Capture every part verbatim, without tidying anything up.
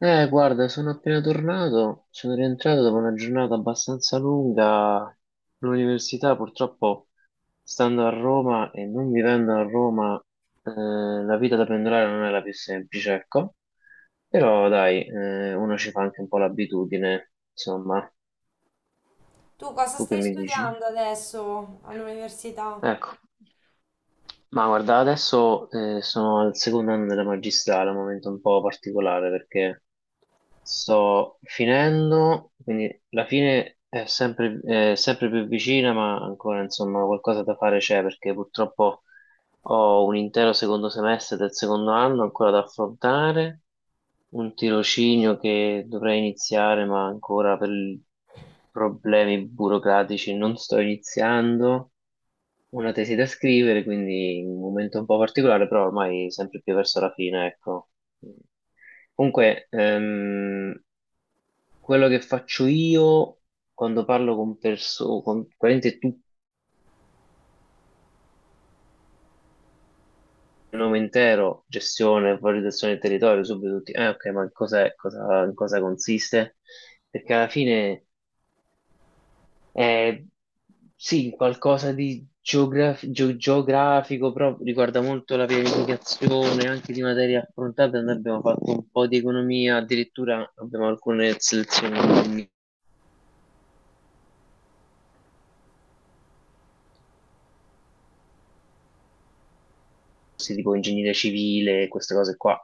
Eh, guarda, sono appena tornato, sono rientrato dopo una giornata abbastanza lunga all'università, purtroppo stando a Roma e non vivendo a Roma, eh, la vita da pendolare non è la più semplice, ecco, però dai, eh, uno ci fa anche un po' l'abitudine, insomma, Tu cosa tu che stai mi dici? studiando adesso all'università? Ecco, ma guarda, adesso eh, sono al secondo anno della magistrale, un momento un po' particolare perché... Sto finendo, quindi la fine è sempre, è sempre più vicina, ma ancora insomma qualcosa da fare c'è perché purtroppo ho un intero secondo semestre del secondo anno ancora da affrontare, un tirocinio che dovrei iniziare, ma ancora per problemi burocratici non sto iniziando una tesi da scrivere, quindi un momento un po' particolare, però ormai sempre più verso la fine, ecco. Comunque, ehm, quello che faccio io quando parlo con persone, con praticamente tutto il nome intero, gestione, valorizzazione del territorio, subito tutti, eh ok, ma cos'è, cosa, in cosa consiste? Perché alla fine... Eh, sì, qualcosa di geograf- geo- geografico, però riguarda molto la pianificazione, anche di materie affrontate. Noi abbiamo fatto un po' di economia, addirittura abbiamo alcune selezioni di corsi tipo ingegneria civile, queste cose qua.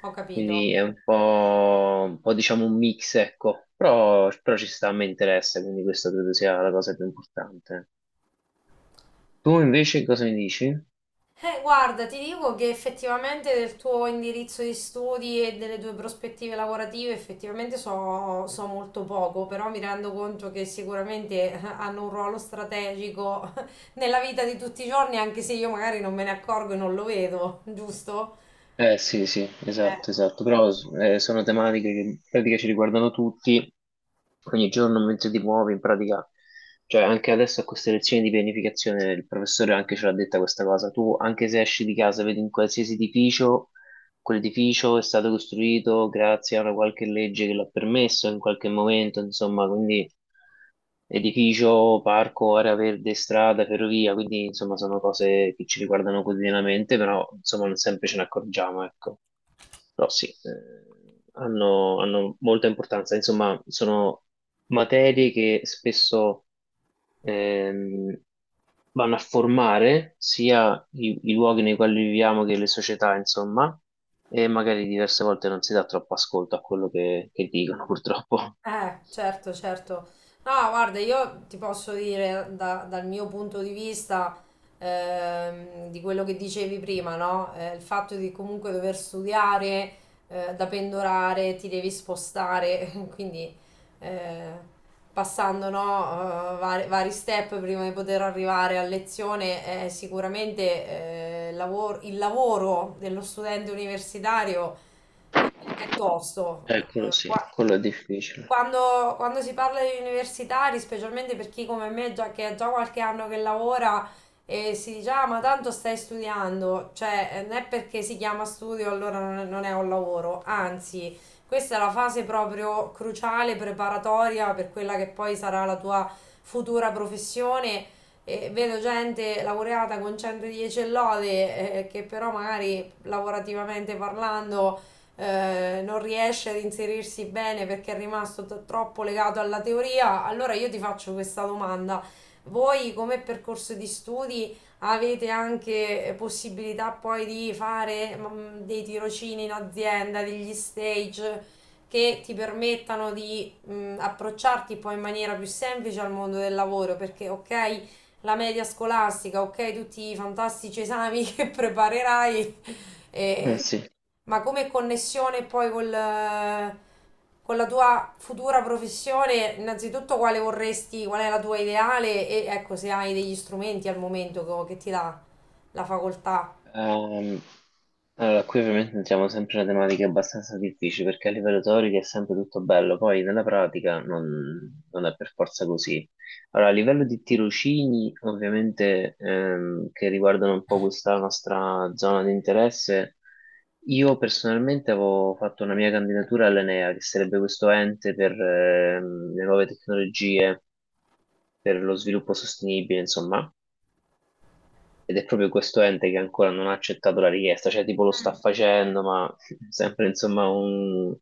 Ho capito. Quindi è un po', un po', diciamo un mix, ecco, però, però ci sta, mi interessa, quindi questa credo sia la cosa più importante. Tu invece cosa mi dici? Eh, guarda, ti dico che effettivamente del tuo indirizzo di studi e delle tue prospettive lavorative effettivamente so, so molto poco, però mi rendo conto che sicuramente eh, hanno un ruolo strategico nella vita di tutti i giorni, anche se io magari non me ne accorgo e non lo vedo, giusto? Eh sì, sì, Eh. esatto, esatto, però eh, sono tematiche che in pratica ci riguardano tutti, ogni giorno mentre ti muovi, in pratica, cioè anche adesso a queste lezioni di pianificazione il professore anche ce l'ha detta questa cosa, tu anche se esci di casa, vedi in qualsiasi edificio, quell'edificio è stato costruito grazie a una qualche legge che l'ha permesso in qualche momento, insomma, quindi edificio, parco, area verde, strada, ferrovia, quindi insomma sono cose che ci riguardano quotidianamente, però insomma non sempre ce ne accorgiamo, ecco. Però sì, eh, hanno, hanno molta importanza, insomma sono materie che spesso ehm, vanno a formare sia i, i luoghi nei quali viviamo che le società, insomma, e magari diverse volte non si dà troppo ascolto a quello che che dicono, purtroppo. Eh, certo, certo. No, guarda, io ti posso dire da- dal mio punto di vista, ehm, di quello che dicevi prima, no? Eh, il fatto di comunque dover studiare, eh, da pendolare, ti devi spostare, quindi eh, passando, no, eh, vari, vari step prima di poter arrivare a lezione, eh, sicuramente eh, lavor- il lavoro dello studente universitario eh, è tosto. Eh, quello Eh, sì, qua- quello è difficile. quando, quando si parla di universitari, specialmente per chi come me già, che ha già qualche anno che lavora e si dice, ah, ma tanto stai studiando, cioè eh, non è perché si chiama studio allora non è, non è un lavoro, anzi, questa è la fase proprio cruciale, preparatoria per quella che poi sarà la tua futura professione. E vedo gente laureata con centodieci e lode, eh, che però magari lavorativamente parlando eh, non riesce ad inserirsi bene perché è rimasto t- troppo legato alla teoria, allora io ti faccio questa domanda. Voi come percorso di studi avete anche eh, possibilità poi di fare mm, dei tirocini in azienda, degli stage che ti permettano di mm, approcciarti poi in maniera più semplice al mondo del lavoro, perché ok, la media scolastica, ok, tutti i fantastici esami che preparerai, Eh e- sì. ma come connessione poi col, eh, con la tua futura professione, innanzitutto quale vorresti, qual è la tua ideale e ecco se hai degli strumenti al momento co- che ti dà la facoltà. Ehm, allora, qui ovviamente entriamo sempre in una tematica abbastanza difficile perché a livello teorico è sempre tutto bello, poi nella pratica non, non è per forza così. Allora, a livello di tirocini, ovviamente ehm, che riguardano un po' questa nostra zona di interesse, io personalmente avevo fatto una mia candidatura all'ENEA, che sarebbe questo ente per ehm, le nuove tecnologie, per lo sviluppo sostenibile, insomma. Ed è proprio questo ente che ancora non ha accettato la richiesta, cioè tipo lo sta facendo, ma sempre insomma un...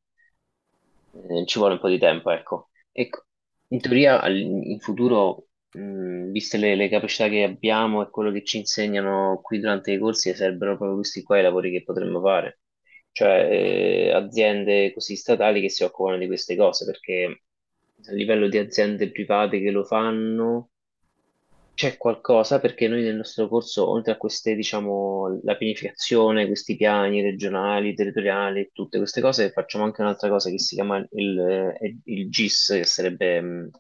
Eh, ci vuole un po' di tempo, ecco. Ecco, in teoria al- in futuro, mh, viste le, le capacità che abbiamo e quello che ci insegnano qui durante i corsi, sarebbero proprio questi qua i lavori che potremmo fare, cioè eh, aziende così statali che si occupano di queste cose, perché a livello di aziende private che lo fanno c'è qualcosa perché noi nel nostro corso, oltre a queste, diciamo, la pianificazione, questi piani regionali, territoriali, tutte queste cose, facciamo anche un'altra cosa che si chiama il, eh, il GIS, che sarebbe mh,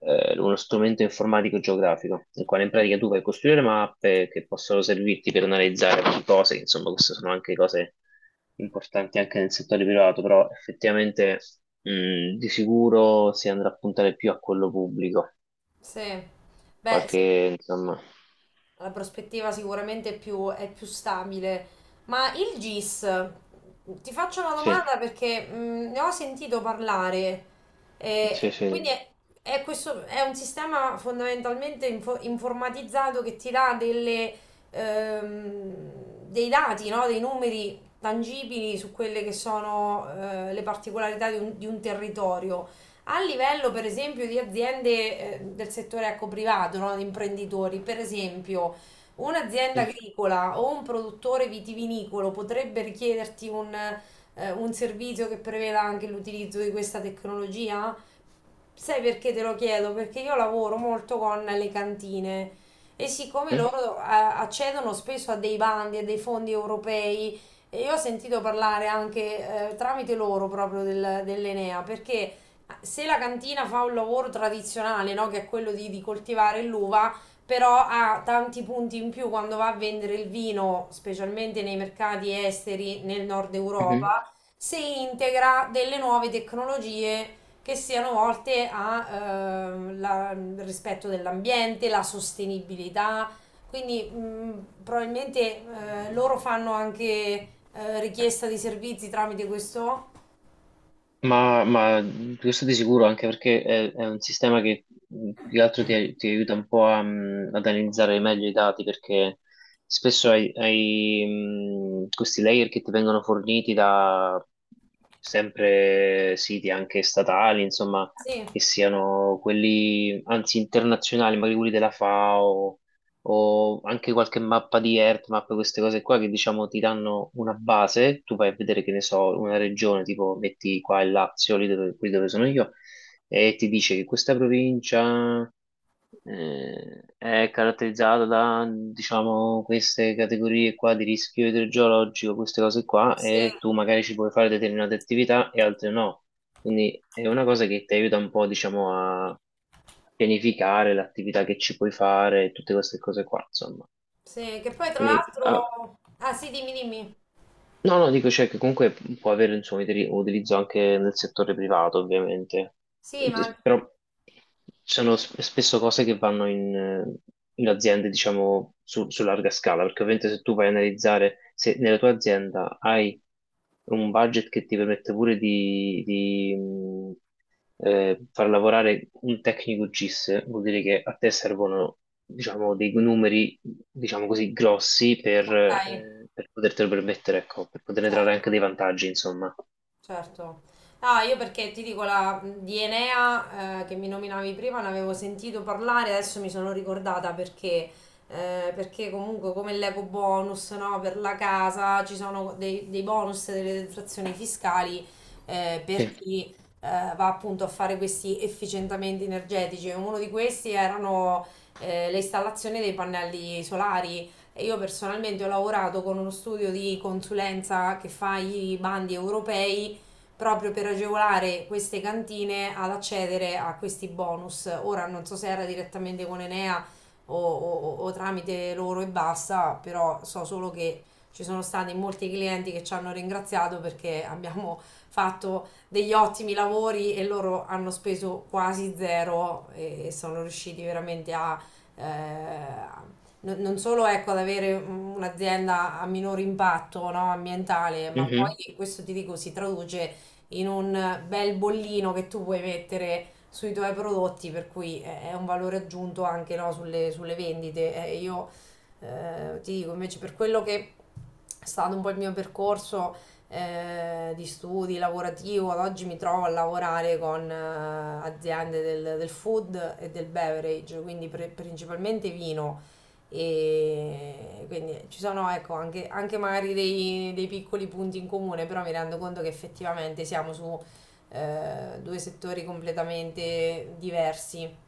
eh, uno strumento informatico geografico, nel quale in pratica tu vai a costruire mappe che possono servirti per analizzare varie cose, insomma, queste sono anche cose importanti anche nel settore privato, però effettivamente mh, di sicuro si andrà a puntare più a quello pubblico, Sì. Beh, sì. qualche, insomma. La prospettiva sicuramente è più, è più stabile. Ma il GIS, ti faccio una Sì, domanda perché mh, ne ho sentito parlare. sì, E quindi sì, è, è questo, è un sistema fondamentalmente info- informatizzato che ti dà delle, ehm, dei dati, no? Dei numeri tangibili su quelle che sono eh, le particolarità di un, di un territorio. A livello, per esempio, di aziende eh, del settore ecco, privato, no? Di imprenditori, per esempio, un'azienda sì, agricola o un produttore vitivinicolo potrebbe richiederti un, eh, un servizio che preveda anche l'utilizzo di questa tecnologia? Sai perché te lo chiedo? Perché io lavoro molto con le cantine e siccome sì. loro eh, accedono spesso a dei bandi e dei fondi europei, e io ho sentito parlare anche eh, tramite loro proprio del- dell'Enea, perché se la cantina fa un lavoro tradizionale, no, che è quello di, di coltivare l'uva, però ha tanti punti in più quando va a vendere il vino, specialmente nei mercati esteri nel nord Mhm. Europa, se integra delle nuove tecnologie che siano volte al eh, rispetto dell'ambiente, la sostenibilità. Quindi mh, probabilmente eh, loro fanno anche eh, richiesta di servizi tramite questo? Ma, ma questo di sicuro, anche perché è, è un sistema che mh, più che altro ti, ti aiuta un po' a, mh, ad analizzare meglio i dati, perché spesso hai, hai, mh, questi layer che ti vengono forniti da sempre siti anche statali, insomma, Sì, che siano quelli, anzi internazionali, magari quelli della FAO o anche qualche mappa di Earthmap, queste cose qua che diciamo ti danno una base, tu vai a vedere che ne so, una regione, tipo metti qua il Lazio, lì dove, qui dove sono io, e ti dice che questa provincia eh, è caratterizzata da, diciamo, queste categorie qua di rischio idrogeologico, queste cose qua, sì, e tu magari ci puoi fare determinate attività e altre no. Quindi è una cosa che ti aiuta un po', diciamo, a pianificare l'attività che ci puoi fare, tutte queste cose qua, insomma. sì. Che poi tra Quindi, ah, l'altro... Ah sì, dimmi, dimmi. no, no, dico, cioè, che comunque può avere, insomma, utili- utilizzo anche nel settore privato, ovviamente. Sì, ma... Eh, Però sono sp- spesso cose che vanno in, eh, in aziende, diciamo, su, su larga scala, perché ovviamente se tu vai a analizzare, se nella tua azienda hai un budget che ti permette pure di, eh, far lavorare un tecnico GIS vuol dire che a te servono, diciamo, dei numeri, diciamo così, grossi per, Ok, eh, per potertelo permettere, ecco, per poterne trarre anche dei certo. vantaggi, insomma. Certo. Ah, io perché ti dico la di Enea eh, che mi nominavi prima, ne avevo sentito parlare, adesso mi sono ricordata perché, eh, perché comunque come l'eco bonus, no, per la casa ci sono dei, dei bonus, delle detrazioni fiscali eh, Sì. per chi eh, va appunto a fare questi efficientamenti energetici. Uno di questi erano eh, le installazioni dei pannelli solari. E io personalmente ho lavorato con uno studio di consulenza che fa i bandi europei proprio per agevolare queste cantine ad accedere a questi bonus. Ora non so se era direttamente con Enea o, o- o tramite loro e basta, però so solo che ci sono stati molti clienti che ci hanno ringraziato perché abbiamo fatto degli ottimi lavori e loro hanno speso quasi zero e, e sono riusciti veramente a... eh, non non solo ecco, ad avere un'azienda a minor impatto no, ambientale, ma poi questo ti dico si traduce in un bel bollino che tu puoi mettere sui tuoi prodotti, per cui è è un valore aggiunto anche no, sulle, sulle vendite. Eh, io eh, ti dico invece per quello che è stato un po' il mio percorso eh, di studi lavorativo, ad oggi mi trovo a lavorare con eh, aziende del, del food e del beverage, quindi pre- principalmente vino e quindi ci sono ecco, anche, anche magari dei, dei piccoli punti in comune, però mi rendo conto che effettivamente siamo su eh, due settori completamente diversi